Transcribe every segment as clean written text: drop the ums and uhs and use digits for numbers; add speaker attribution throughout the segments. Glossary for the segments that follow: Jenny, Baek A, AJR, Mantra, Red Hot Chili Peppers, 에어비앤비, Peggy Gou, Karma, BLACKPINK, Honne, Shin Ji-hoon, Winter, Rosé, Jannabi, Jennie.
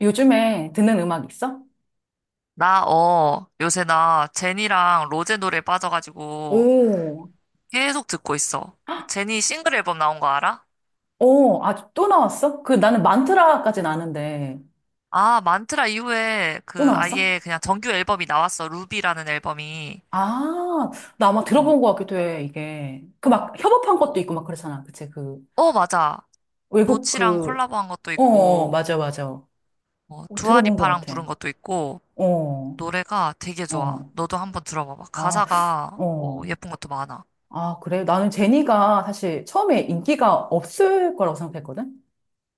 Speaker 1: 요즘에 듣는 음악 있어?
Speaker 2: 요새 나 제니랑 로제 노래 빠져가지고
Speaker 1: 오.
Speaker 2: 계속 듣고 있어.
Speaker 1: 헉.
Speaker 2: 그 제니 싱글 앨범 나온 거 알아?
Speaker 1: 오, 아, 또 나왔어? 그 나는 만트라까진 아는데,
Speaker 2: 아, 만트라 이후에
Speaker 1: 또
Speaker 2: 그
Speaker 1: 나왔어?
Speaker 2: 아예 그냥 정규 앨범이 나왔어. 루비라는 앨범이.
Speaker 1: 아, 나 아마
Speaker 2: 어,
Speaker 1: 들어본 것 같기도 해, 이게. 그
Speaker 2: 어.
Speaker 1: 막 협업한 것도
Speaker 2: 그-
Speaker 1: 있고 막 그렇잖아. 그치, 그,
Speaker 2: 어, 맞아.
Speaker 1: 외국
Speaker 2: 도치랑
Speaker 1: 그,
Speaker 2: 콜라보한 것도
Speaker 1: 어, 어, 어,
Speaker 2: 있고,
Speaker 1: 맞아, 맞아.
Speaker 2: 어,
Speaker 1: 어, 들어본 것
Speaker 2: 두아리파랑
Speaker 1: 같아.
Speaker 2: 부른 것도 있고,
Speaker 1: 어.
Speaker 2: 노래가 되게 좋아.
Speaker 1: 어.
Speaker 2: 너도 한번 들어봐봐.
Speaker 1: 아.
Speaker 2: 가사가,
Speaker 1: 어.
Speaker 2: 예쁜 것도 많아.
Speaker 1: 아, 그래. 나는 제니가 사실 처음에 인기가 없을 거라고 생각했거든?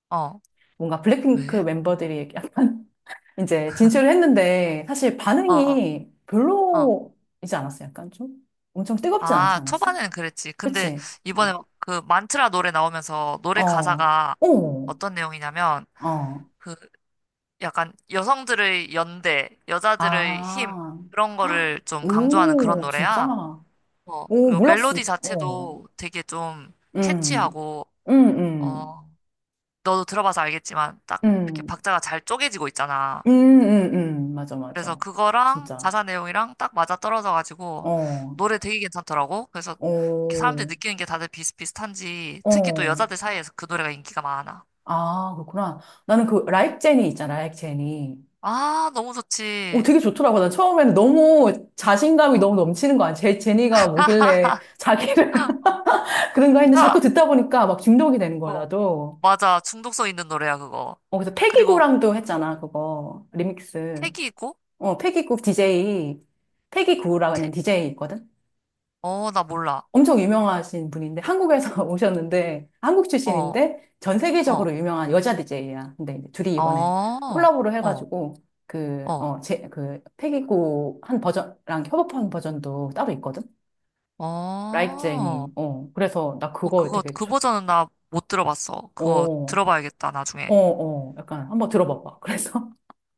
Speaker 2: 어,
Speaker 1: 뭔가 블랙핑크
Speaker 2: 왜?
Speaker 1: 멤버들이 이제 진출을 했는데 사실
Speaker 2: 어, 어,
Speaker 1: 반응이
Speaker 2: 어.
Speaker 1: 별로이지 않았어? 약간 좀? 엄청 뜨겁지 않지
Speaker 2: 아,
Speaker 1: 않았어?
Speaker 2: 초반에는 그랬지. 근데
Speaker 1: 그치?
Speaker 2: 이번에 막그 만트라 노래 나오면서 노래
Speaker 1: 어.
Speaker 2: 가사가
Speaker 1: 오.
Speaker 2: 어떤 내용이냐면
Speaker 1: 어.
Speaker 2: 그 약간 여성들의 연대, 여자들의 힘
Speaker 1: 아.
Speaker 2: 그런
Speaker 1: 헉.
Speaker 2: 거를 좀 강조하는 그런
Speaker 1: 오, 진짜?
Speaker 2: 노래야. 어,
Speaker 1: 오,
Speaker 2: 그리고
Speaker 1: 몰랐어.
Speaker 2: 멜로디
Speaker 1: 어.
Speaker 2: 자체도 되게 좀
Speaker 1: 음,
Speaker 2: 캐치하고
Speaker 1: 음, 음,
Speaker 2: 어, 너도 들어봐서 알겠지만 딱 이렇게
Speaker 1: 음,
Speaker 2: 박자가 잘 쪼개지고 있잖아.
Speaker 1: 음, 음, 맞아,
Speaker 2: 그래서
Speaker 1: 맞아.
Speaker 2: 그거랑
Speaker 1: 진짜.
Speaker 2: 가사 내용이랑 딱 맞아떨어져가지고
Speaker 1: 어.
Speaker 2: 노래 되게 괜찮더라고. 그래서 이렇게 사람들이
Speaker 1: 오.
Speaker 2: 느끼는 게 다들 비슷비슷한지 특히 또
Speaker 1: 어.
Speaker 2: 여자들 사이에서 그 노래가 인기가 많아.
Speaker 1: 아, 그렇구나. 나는 그, 라이크 제니 있잖아, 라이크 제니.
Speaker 2: 아, 너무
Speaker 1: 오,
Speaker 2: 좋지.
Speaker 1: 되게 좋더라고. 난 처음에는 너무 자신감이
Speaker 2: 어. 어,
Speaker 1: 너무 넘치는 거야. 제, 제니가 뭐길래 자기를 그런가 했는데 자꾸 듣다 보니까 막 중독이 되는 거야,
Speaker 2: 어.
Speaker 1: 나도.
Speaker 2: 맞아. 중독성 있는 노래야, 그거.
Speaker 1: 어, 그래서
Speaker 2: 그리고
Speaker 1: 패기구랑도 했잖아, 그거. 리믹스.
Speaker 2: 택이 있고,
Speaker 1: 어, 패기구 DJ. 패기구라는
Speaker 2: 택?
Speaker 1: DJ 있거든?
Speaker 2: 어, 나 몰라.
Speaker 1: 엄청 유명하신 분인데, 한국에서 오셨는데, 한국
Speaker 2: 어,
Speaker 1: 출신인데, 전
Speaker 2: 어,
Speaker 1: 세계적으로 유명한 여자 DJ야. 근데 이제 둘이
Speaker 2: 어,
Speaker 1: 이번에
Speaker 2: 어,
Speaker 1: 콜라보를
Speaker 2: 어,
Speaker 1: 해가지고, 그, 어, 제, 그, 패기구 한 버전랑 협업한 버전도 따로 있거든? 라이크
Speaker 2: 어.
Speaker 1: 제니. 어. 그래서 나
Speaker 2: 어,
Speaker 1: 그거
Speaker 2: 그거,
Speaker 1: 되게
Speaker 2: 그
Speaker 1: 좋-
Speaker 2: 버전은 나 못 들어봤어. 그거
Speaker 1: 어.
Speaker 2: 들어봐야겠다,
Speaker 1: 어,
Speaker 2: 나중에.
Speaker 1: 어. 약간 한번 들어봐 봐. 그래서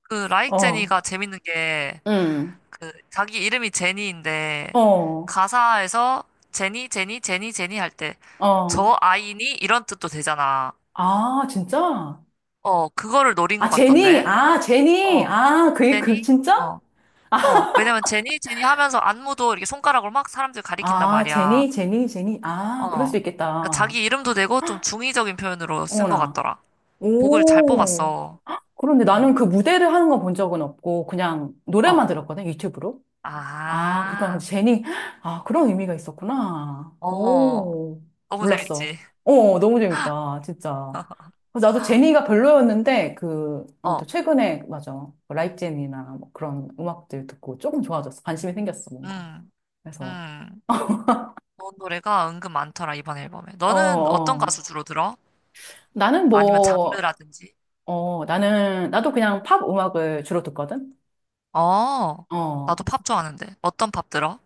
Speaker 2: 그 라이크
Speaker 1: 어.
Speaker 2: 제니가 재밌는 게
Speaker 1: 응.
Speaker 2: 그 자기 이름이 제니인데
Speaker 1: 어.
Speaker 2: 가사에서 제니 제니 제니 제니 할 때
Speaker 1: 어.
Speaker 2: 저 아이니 이런 뜻도 되잖아.
Speaker 1: 아, 진짜?
Speaker 2: 어, 그거를 노린
Speaker 1: 아,
Speaker 2: 것
Speaker 1: 제니.
Speaker 2: 같던데.
Speaker 1: 아, 제니.
Speaker 2: 어,
Speaker 1: 아, 그, 그,
Speaker 2: 제니.
Speaker 1: 진짜?
Speaker 2: 어. 어, 왜냐면 제니 제니 하면서 안무도 이렇게 손가락으로 막 사람들 가리킨단
Speaker 1: 아,
Speaker 2: 말이야.
Speaker 1: 제니, 제니, 제니. 아, 그럴
Speaker 2: 어,
Speaker 1: 수
Speaker 2: 그러니까
Speaker 1: 있겠다.
Speaker 2: 자기 이름도 되고 좀 중의적인 표현으로 쓴 것
Speaker 1: 어머나.
Speaker 2: 같더라. 곡을 잘
Speaker 1: 오.
Speaker 2: 뽑았어.
Speaker 1: 그런데
Speaker 2: 응.
Speaker 1: 나는 그 무대를 하는 건 본 적은 없고, 그냥
Speaker 2: 어.
Speaker 1: 노래만 들었거든, 유튜브로. 아, 그렇구나.
Speaker 2: 아.
Speaker 1: 근데 제니, 아, 그런 의미가 있었구나.
Speaker 2: 어.
Speaker 1: 오,
Speaker 2: 너무
Speaker 1: 몰랐어.
Speaker 2: 재밌지.
Speaker 1: 어, 너무 재밌다. 진짜. 그래서 나도 제니가 별로였는데, 그, 아무튼
Speaker 2: 어.
Speaker 1: 최근에, 맞아. 라이브제니나 뭐 그런 음악들 듣고 조금 좋아졌어. 관심이 생겼어, 뭔가.
Speaker 2: 응.
Speaker 1: 그래서,
Speaker 2: 음. 좋은 노래가 은근 많더라, 이번 앨범에.
Speaker 1: 어,
Speaker 2: 너는 어떤
Speaker 1: 어.
Speaker 2: 가수 주로 들어?
Speaker 1: 나는
Speaker 2: 아니면
Speaker 1: 뭐,
Speaker 2: 장르라든지?
Speaker 1: 어, 나도 그냥 팝 음악을 주로 듣거든?
Speaker 2: 어, 나도
Speaker 1: 어.
Speaker 2: 팝 좋아하는데. 어떤 팝 들어?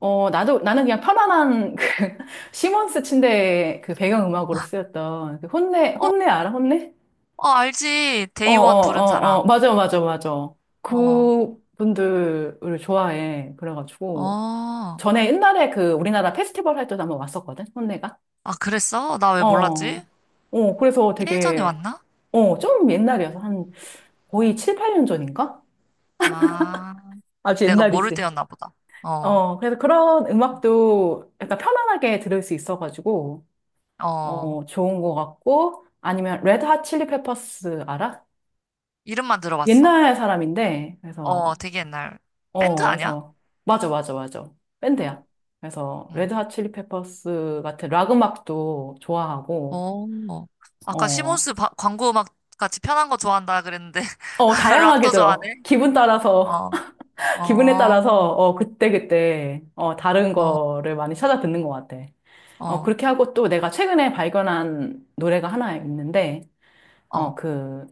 Speaker 1: 어, 나도, 나는 그냥 편안한 그, 시몬스 침대의 그 배경음악으로 쓰였던 그
Speaker 2: 어,
Speaker 1: 혼내 알아? 혼내?
Speaker 2: 어, 알지.
Speaker 1: 어, 어,
Speaker 2: 데이원 부른
Speaker 1: 어, 어,
Speaker 2: 사람.
Speaker 1: 맞아, 맞아, 맞아.
Speaker 2: 어,
Speaker 1: 그분들을 좋아해. 그래가지고.
Speaker 2: 어.
Speaker 1: 전에 옛날에 그 우리나라 페스티벌 할 때도 한번 왔었거든, 혼내가.
Speaker 2: 아, 그랬어? 나 왜
Speaker 1: 어,
Speaker 2: 몰랐지?
Speaker 1: 어, 그래서
Speaker 2: 예전에
Speaker 1: 되게,
Speaker 2: 왔나?
Speaker 1: 어, 좀 옛날이어서 한 거의 7, 8년 전인가?
Speaker 2: 아,
Speaker 1: 아주
Speaker 2: 내가 모를
Speaker 1: 옛날이지.
Speaker 2: 때였나 보다. 어,
Speaker 1: 어, 그래서 그런 음악도 약간 편안하게 들을 수 있어가지고,
Speaker 2: 어.
Speaker 1: 어, 좋은 것 같고, 아니면 레드 핫 칠리 페퍼스 알아?
Speaker 2: 이름만 들어봤어.
Speaker 1: 옛날 사람인데,
Speaker 2: 어,
Speaker 1: 그래서
Speaker 2: 되게 옛날. 밴드
Speaker 1: 어,
Speaker 2: 아니야?
Speaker 1: 그래서 맞아, 맞아, 맞아.
Speaker 2: 어,
Speaker 1: 밴드야. 그래서
Speaker 2: 응.
Speaker 1: 레드 핫 칠리 페퍼스 같은 락 음악도 좋아하고
Speaker 2: 어, 아까
Speaker 1: 어,
Speaker 2: 시몬스 광고 음악 같이 편한 거 좋아한다 그랬는데.
Speaker 1: 어, 다양하게
Speaker 2: 락도
Speaker 1: 들어.
Speaker 2: 좋아하네?
Speaker 1: 기분 따라서
Speaker 2: 어,
Speaker 1: 기분에
Speaker 2: 어,
Speaker 1: 따라서 어, 그때그때 어, 다른
Speaker 2: 어,
Speaker 1: 거를 많이 찾아 듣는 것 같아. 어,
Speaker 2: 어,
Speaker 1: 그렇게 하고 또 내가 최근에 발견한 노래가 하나 있는데
Speaker 2: 어.
Speaker 1: 어, 그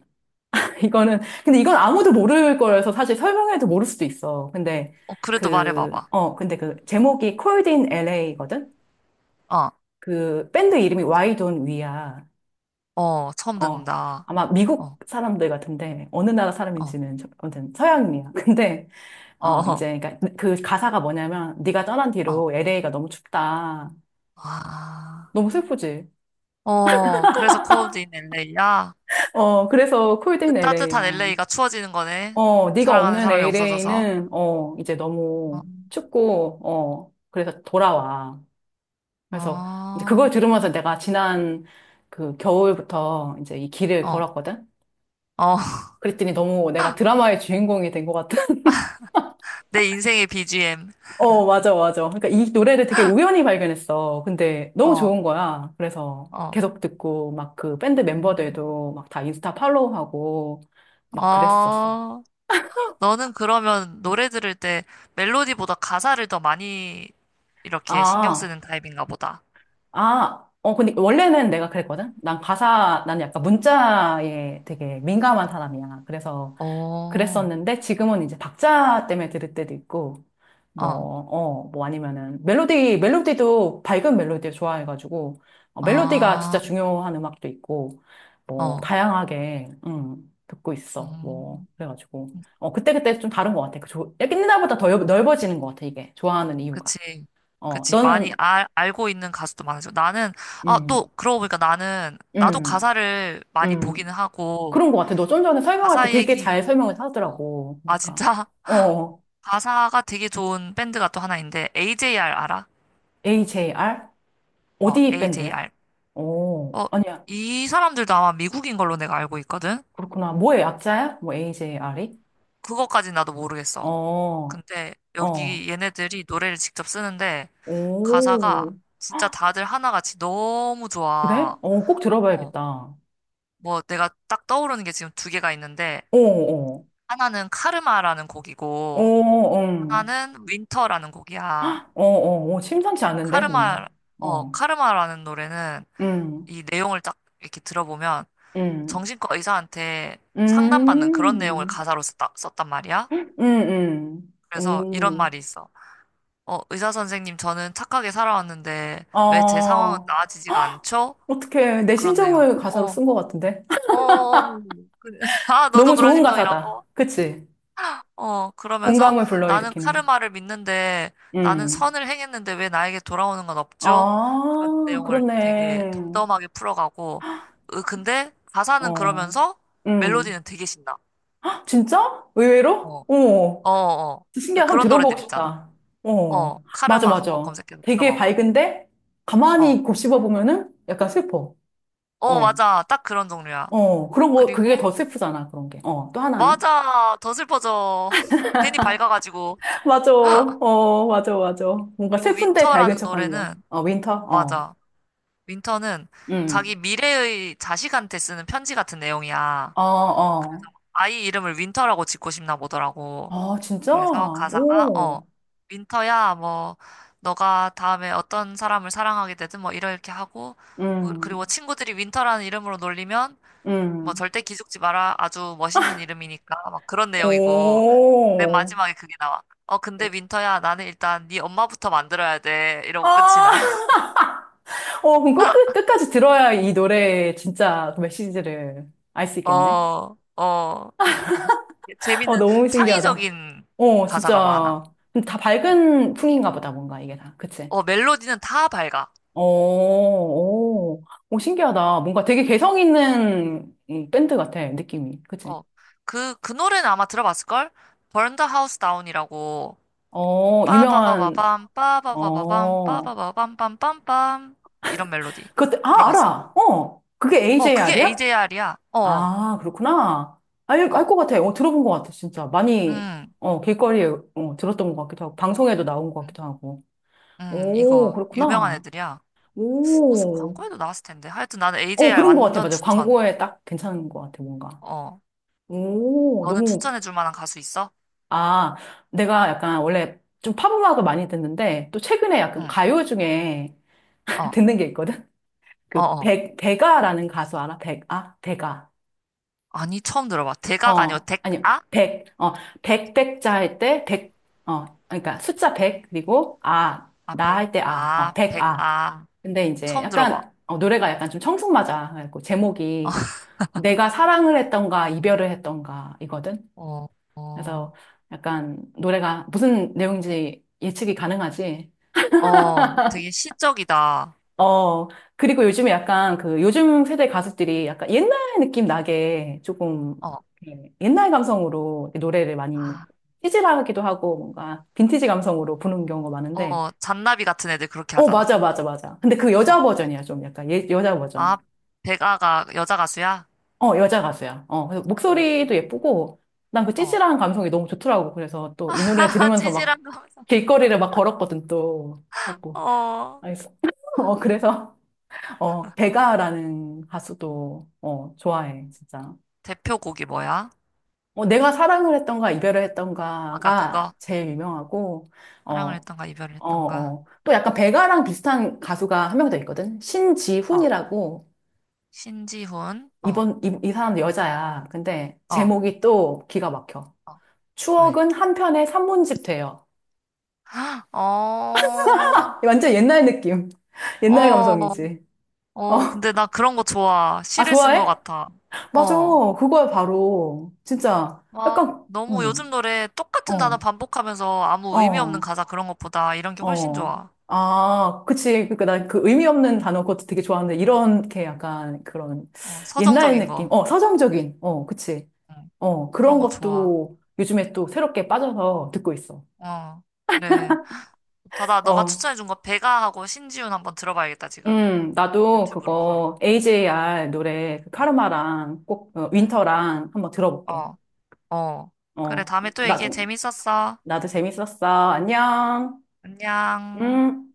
Speaker 1: 이거는 근데 이건 아무도 모를 거라서 사실 설명해도 모를 수도 있어. 근데
Speaker 2: 어, 그래도
Speaker 1: 그,
Speaker 2: 말해봐봐.
Speaker 1: 어, 근데 그 제목이 Cold in LA거든?
Speaker 2: 어,
Speaker 1: 그 밴드 이름이 Why Don't We야.
Speaker 2: 어, 처음
Speaker 1: 어.
Speaker 2: 듣는다.
Speaker 1: 아마 미국
Speaker 2: 어,
Speaker 1: 사람들 같은데 어느 나라
Speaker 2: 어,
Speaker 1: 사람인지는 저- 아무튼 서양인이야. 근데
Speaker 2: 어,
Speaker 1: 어
Speaker 2: 어,
Speaker 1: 이제 그러니까 그 가사가 뭐냐면 네가 떠난
Speaker 2: 어.
Speaker 1: 뒤로 LA가 너무 춥다.
Speaker 2: 아,
Speaker 1: 너무 슬프지.
Speaker 2: 어, 그래서 cold in LA야?
Speaker 1: 어 그래서
Speaker 2: 그
Speaker 1: 콜드인
Speaker 2: 따뜻한
Speaker 1: LA야.
Speaker 2: LA가 추워지는 거네.
Speaker 1: 어 네가
Speaker 2: 사랑하는
Speaker 1: 없는
Speaker 2: 사람이 없어져서.
Speaker 1: LA는 어 이제
Speaker 2: 어,
Speaker 1: 너무 춥고 어 그래서 돌아와. 그래서 이제 그걸
Speaker 2: 어,
Speaker 1: 들으면서 내가 지난 그 겨울부터 이제 이 길을
Speaker 2: 어,
Speaker 1: 걸었거든.
Speaker 2: 어.
Speaker 1: 그랬더니 너무 내가 드라마의 주인공이 된 것 같은.
Speaker 2: 내 인생의 BGM.
Speaker 1: 어, 맞아, 맞아. 그러니까 이 노래를 되게 우연히 발견했어. 근데 너무
Speaker 2: 어,
Speaker 1: 좋은 거야. 그래서
Speaker 2: 어,
Speaker 1: 계속 듣고 막 그 밴드
Speaker 2: 음,
Speaker 1: 멤버들도 막 다 인스타 팔로우하고 막 그랬었어.
Speaker 2: 어. 너는 그러면 노래 들을 때 멜로디보다 가사를 더 많이 이렇게 신경
Speaker 1: 아.
Speaker 2: 쓰는 타입인가 보다.
Speaker 1: 아. 어, 근데 원래는 내가 그랬거든? 난 약간 문자에 되게 민감한 사람이야. 그래서
Speaker 2: 어, 어,
Speaker 1: 그랬었는데 지금은 이제 박자 때문에 들을 때도 있고 뭐, 어, 뭐 아니면은 멜로디도 밝은 멜로디를 좋아해가지고 어, 멜로디가 진짜
Speaker 2: 아,
Speaker 1: 중요한 음악도 있고 뭐
Speaker 2: 어,
Speaker 1: 다양하게 듣고 있어. 뭐
Speaker 2: 음,
Speaker 1: 그래가지고 어, 그때그때 좀 다른 것 같아. 그 조, 옛날보다 더 넓- 넓어지는 것 같아 이게 좋아하는 이유가.
Speaker 2: 그치.
Speaker 1: 어,
Speaker 2: 그치. 많이
Speaker 1: 너는
Speaker 2: 알고 있는 가수도 많아져. 나는, 아, 또,
Speaker 1: 음,
Speaker 2: 그러고 보니까 나도
Speaker 1: 음,
Speaker 2: 가사를 많이
Speaker 1: 음
Speaker 2: 보기는 하고,
Speaker 1: 그런 것 같아. 너 좀 전에 설명할 때
Speaker 2: 가사
Speaker 1: 되게
Speaker 2: 얘기,
Speaker 1: 잘 설명을
Speaker 2: 어,
Speaker 1: 하더라고.
Speaker 2: 아,
Speaker 1: 그러니까
Speaker 2: 진짜?
Speaker 1: 어,
Speaker 2: 가사가 되게 좋은 밴드가 또 하나 있는데, AJR 알아?
Speaker 1: AJR?
Speaker 2: 어,
Speaker 1: 어디 밴드야?
Speaker 2: AJR.
Speaker 1: 오,
Speaker 2: 어,
Speaker 1: 아니야.
Speaker 2: 이 사람들도 아마 미국인 걸로 내가 알고 있거든?
Speaker 1: 그렇구나. 뭐의 약자야? 뭐 AJR이?
Speaker 2: 그거까지 나도 모르겠어.
Speaker 1: 어,
Speaker 2: 근데
Speaker 1: 어,
Speaker 2: 여기 얘네들이 노래를 직접 쓰는데 가사가
Speaker 1: 오,
Speaker 2: 진짜 다들 하나같이 너무
Speaker 1: 그래?
Speaker 2: 좋아.
Speaker 1: 어, 꼭
Speaker 2: 어,
Speaker 1: 들어봐야겠다. 어,
Speaker 2: 뭐 내가 딱 떠오르는 게 지금 두 개가 있는데
Speaker 1: 어,
Speaker 2: 하나는 카르마라는
Speaker 1: 어,
Speaker 2: 곡이고
Speaker 1: 어,
Speaker 2: 하나는 윈터라는 곡이야.
Speaker 1: 어, 어, 어, 심상치 않은데,
Speaker 2: 카르마,
Speaker 1: 뭔가.
Speaker 2: 어,
Speaker 1: 어,
Speaker 2: 카르마라는 노래는
Speaker 1: 음,
Speaker 2: 이 내용을 딱 이렇게 들어보면
Speaker 1: 음,
Speaker 2: 정신과 의사한테 상담받는 그런 내용을
Speaker 1: 음,
Speaker 2: 가사로 썼단 말이야. 그래서 이런
Speaker 1: 오,
Speaker 2: 말이 있어. 의사 선생님, 저는 착하게 살아왔는데 왜 제
Speaker 1: 아,
Speaker 2: 상황은 나아지지가 않죠?
Speaker 1: 어떡해. 내
Speaker 2: 그런 내용.
Speaker 1: 심정을 가사로
Speaker 2: 어,
Speaker 1: 쓴 것 같은데?
Speaker 2: 어, 어. 그- 아, 너도
Speaker 1: 너무
Speaker 2: 그런
Speaker 1: 좋은 가사다.
Speaker 2: 심정이라고?
Speaker 1: 그치?
Speaker 2: 어, 그러면서
Speaker 1: 공감을
Speaker 2: 나는
Speaker 1: 불러일으키는.
Speaker 2: 카르마를 믿는데 나는
Speaker 1: 음.
Speaker 2: 선을 행했는데 왜 나에게 돌아오는 건 없죠?
Speaker 1: 아,
Speaker 2: 그런 내용을 되게
Speaker 1: 그렇네.
Speaker 2: 덤덤하게 풀어가고, 으, 근데 가사는
Speaker 1: 어.
Speaker 2: 그러면서
Speaker 1: 음.
Speaker 2: 멜로디는 되게 신나.
Speaker 1: 아, 진짜?
Speaker 2: 어,
Speaker 1: 의외로? 어,
Speaker 2: 어, 어. 그
Speaker 1: 신기하다. 한번
Speaker 2: 그런
Speaker 1: 들어보고
Speaker 2: 노래들 있잖아.
Speaker 1: 싶다.
Speaker 2: 어,
Speaker 1: 어, 맞아,
Speaker 2: 카르마 한번
Speaker 1: 맞아.
Speaker 2: 검색해서
Speaker 1: 되게
Speaker 2: 들어봐봐.
Speaker 1: 밝은데,
Speaker 2: 어.
Speaker 1: 가만히 곱씹어 보면은 약간 슬퍼.
Speaker 2: 어,
Speaker 1: 어,
Speaker 2: 맞아. 딱 그런 종류야.
Speaker 1: 어, 그런 거, 그게
Speaker 2: 그리고,
Speaker 1: 더 슬프잖아, 그런 게. 어, 또 하나는?
Speaker 2: 맞아. 더 슬퍼져. 괜히 밝아가지고.
Speaker 1: 맞아. 어, 맞아, 맞아. 뭔가
Speaker 2: 그리고
Speaker 1: 슬픈데 밝은
Speaker 2: 윈터라는
Speaker 1: 척 하는 거.
Speaker 2: 노래는,
Speaker 1: 어, 윈터? 어.
Speaker 2: 맞아. 윈터는
Speaker 1: 음.
Speaker 2: 자기 미래의 자식한테 쓰는 편지 같은 내용이야.
Speaker 1: 어,
Speaker 2: 그래서
Speaker 1: 어.
Speaker 2: 아이 이름을 윈터라고 짓고 싶나 보더라고.
Speaker 1: 아, 진짜?
Speaker 2: 그래서 가사가,
Speaker 1: 오.
Speaker 2: 윈터야, 뭐, 너가 다음에 어떤 사람을 사랑하게 되든 뭐 이렇게 하고, 그리고
Speaker 1: 음.
Speaker 2: 친구들이 윈터라는 이름으로 놀리면, 뭐
Speaker 1: 음.
Speaker 2: 절대 기죽지 마라. 아주 멋있는 이름이니까. 막 그런 내용이고. 맨
Speaker 1: 오.
Speaker 2: 마지막에 그게 나와. 어, 근데 윈터야, 나는 일단 네 엄마부터 만들어야 돼. 이러고 끝이 나.
Speaker 1: 아, 어, 그럼 꼭 끝까지 들어야 이 노래의 진짜 그 메시지를 알 수 있겠네.
Speaker 2: 어, 어.
Speaker 1: 어,
Speaker 2: 재밌는
Speaker 1: 너무 신기하다.
Speaker 2: 창의적인
Speaker 1: 어,
Speaker 2: 가사가 많아.
Speaker 1: 진짜. 근데 다 밝은 풍인가 보다, 뭔가 이게 다. 그치?
Speaker 2: 어, 멜로디는 다 밝아.
Speaker 1: 어. 오. 오, 신기하다. 뭔가 되게 개성 있는 이 밴드 같아, 느낌이. 그치?
Speaker 2: 어, 그 노래는 아마 들어봤을걸? Burn the House Down이라고.
Speaker 1: 어, 유명한,
Speaker 2: 빠바바바밤, 빠바바바밤,
Speaker 1: 어.
Speaker 2: 빠바바밤빰빰빰빰. 이런 멜로디.
Speaker 1: 그것, 아,
Speaker 2: 들어봤어?
Speaker 1: 알아. 어, 그게
Speaker 2: 어, 그게
Speaker 1: AJR이야?
Speaker 2: AJR이야. 어,
Speaker 1: 아, 그렇구나. 알
Speaker 2: 어.
Speaker 1: 것 같아. 어, 들어본 것 같아, 진짜. 많이,
Speaker 2: 음,
Speaker 1: 어, 길거리에, 어, 들었던 것 같기도 하고, 방송에도 나온 것
Speaker 2: 음,
Speaker 1: 같기도 하고. 오,
Speaker 2: 이거 유명한
Speaker 1: 그렇구나.
Speaker 2: 애들이야. 무슨
Speaker 1: 오.
Speaker 2: 광고에도 나왔을 텐데. 하여튼 나는
Speaker 1: 어,
Speaker 2: AJR
Speaker 1: 그런 것 같아.
Speaker 2: 완전
Speaker 1: 맞아.
Speaker 2: 추천.
Speaker 1: 광고에 딱 괜찮은 것 같아, 뭔가.
Speaker 2: 어.
Speaker 1: 오,
Speaker 2: 너는
Speaker 1: 너무,
Speaker 2: 추천해 줄 만한 가수 있어?
Speaker 1: 아, 내가 약간 원래 좀 팝음악을 많이 듣는데, 또 최근에 약간
Speaker 2: 응.
Speaker 1: 가요 중에
Speaker 2: 어.
Speaker 1: 듣는 게 있거든?
Speaker 2: 어,
Speaker 1: 그,
Speaker 2: 어.
Speaker 1: 백아라는 가수 알아? 백, 아, 백아.
Speaker 2: 아니, 처음 들어봐. 대가가 아니고
Speaker 1: 어,
Speaker 2: 백아?
Speaker 1: 아니요.
Speaker 2: 아,
Speaker 1: 100. 어, 100, 백자 할 때 백 어, 그러니까 숫자 100 그리고 아,
Speaker 2: 아,
Speaker 1: 나
Speaker 2: 백.
Speaker 1: 할 때 아. 어,
Speaker 2: 아,
Speaker 1: 100 아.
Speaker 2: 백아.
Speaker 1: 근데 이제
Speaker 2: 처음 들어봐.
Speaker 1: 약간 어, 노래가 약간 좀 청승맞아. 그래갖고 제목이 내가 사랑을 했던가 이별을 했던가 이거든.
Speaker 2: 어.
Speaker 1: 그래서
Speaker 2: 어.
Speaker 1: 약간 노래가 무슨 내용인지 예측이 가능하지.
Speaker 2: 어, 되게 시적이다.
Speaker 1: 어, 그리고 요즘에 약간 그 요즘 세대 가수들이 약간 옛날 느낌 나게 조금
Speaker 2: 어.
Speaker 1: 이렇게 옛날 감성으로 노래를 많이
Speaker 2: 아.
Speaker 1: 찌질하기도 하고 뭔가 빈티지 감성으로 부르는 경우가 많은데,
Speaker 2: 어, 잔나비 같은 애들 그렇게
Speaker 1: 어,
Speaker 2: 하잖아.
Speaker 1: 맞아, 맞아, 맞아. 근데 그 여자
Speaker 2: 어.
Speaker 1: 버전이야, 좀 약간. 예, 여자 버전.
Speaker 2: 아, 백아가 여자 가수야?
Speaker 1: 어, 여자 가수야. 어, 그래서
Speaker 2: 응.
Speaker 1: 목소리도 예쁘고, 난 그
Speaker 2: 어.
Speaker 1: 찌질한 감성이 너무 좋더라고. 그래서 또 이 노래 들으면서 막
Speaker 2: 찌질한 거. 하면서.
Speaker 1: 길거리를 막 걸었거든, 또. 갖고.
Speaker 2: 어.
Speaker 1: 알겠어. 어, 그래서. 어, 베가라는 가수도, 어, 좋아해, 진짜.
Speaker 2: 대표곡이 뭐야?
Speaker 1: 어, 내가 사랑을 했던가, 이별을
Speaker 2: 아까
Speaker 1: 했던가가
Speaker 2: 그거?
Speaker 1: 제일
Speaker 2: 음.
Speaker 1: 유명하고, 어,
Speaker 2: 사랑을 했던가 이별을
Speaker 1: 어,
Speaker 2: 했던가.
Speaker 1: 어. 또 약간 베가랑 비슷한 가수가 한 명 더 있거든?
Speaker 2: 어.
Speaker 1: 신지훈이라고,
Speaker 2: 신지훈. 어.
Speaker 1: 이 사람 여자야. 근데
Speaker 2: 어.
Speaker 1: 제목이 또 기가 막혀.
Speaker 2: 어. 왜?
Speaker 1: 추억은 한 편의 산문집 돼요.
Speaker 2: 어.
Speaker 1: 완전 옛날 느낌. 옛날
Speaker 2: 어.
Speaker 1: 감성이지.
Speaker 2: 어.
Speaker 1: 어,
Speaker 2: 근데 나 그런 거 좋아.
Speaker 1: 아,
Speaker 2: 시를 쓴 거
Speaker 1: 좋아해?
Speaker 2: 같아.
Speaker 1: 맞아.
Speaker 2: 어.
Speaker 1: 그거야, 바로. 진짜.
Speaker 2: 막
Speaker 1: 약간,
Speaker 2: 너무 요즘 노래 똑같은 단어
Speaker 1: 어.
Speaker 2: 반복하면서 아무 의미 없는
Speaker 1: 어,
Speaker 2: 가사 그런 것보다 이런 게 훨씬
Speaker 1: 어.
Speaker 2: 좋아.
Speaker 1: 아, 그치. 그니까 나 그 의미 없는 단어 그것도 되게 좋아하는데, 이렇게 약간 그런
Speaker 2: 어.
Speaker 1: 옛날
Speaker 2: 서정적인
Speaker 1: 느낌.
Speaker 2: 거.
Speaker 1: 어, 서정적인. 어, 그치.
Speaker 2: 응.
Speaker 1: 어, 그런
Speaker 2: 그런 거 좋아.
Speaker 1: 것도 요즘에 또 새롭게 빠져서 듣고 있어.
Speaker 2: 어. 그래. 다다 너가
Speaker 1: 어,
Speaker 2: 추천해준 거 배가하고 신지훈 한번 들어봐야겠다 지금.
Speaker 1: 나도
Speaker 2: 유튜브로 바로.
Speaker 1: 그거
Speaker 2: 어.
Speaker 1: AJR 노래 그
Speaker 2: 응.
Speaker 1: 카르마랑 꼭 어,
Speaker 2: 응.
Speaker 1: 윈터랑 한번 들어볼게.
Speaker 2: 어. 어. 그래,
Speaker 1: 어,
Speaker 2: 다음에 또 얘기해.
Speaker 1: 나중에.
Speaker 2: 재밌었어.
Speaker 1: 나도 재밌었어. 안녕.
Speaker 2: 안녕.
Speaker 1: 음.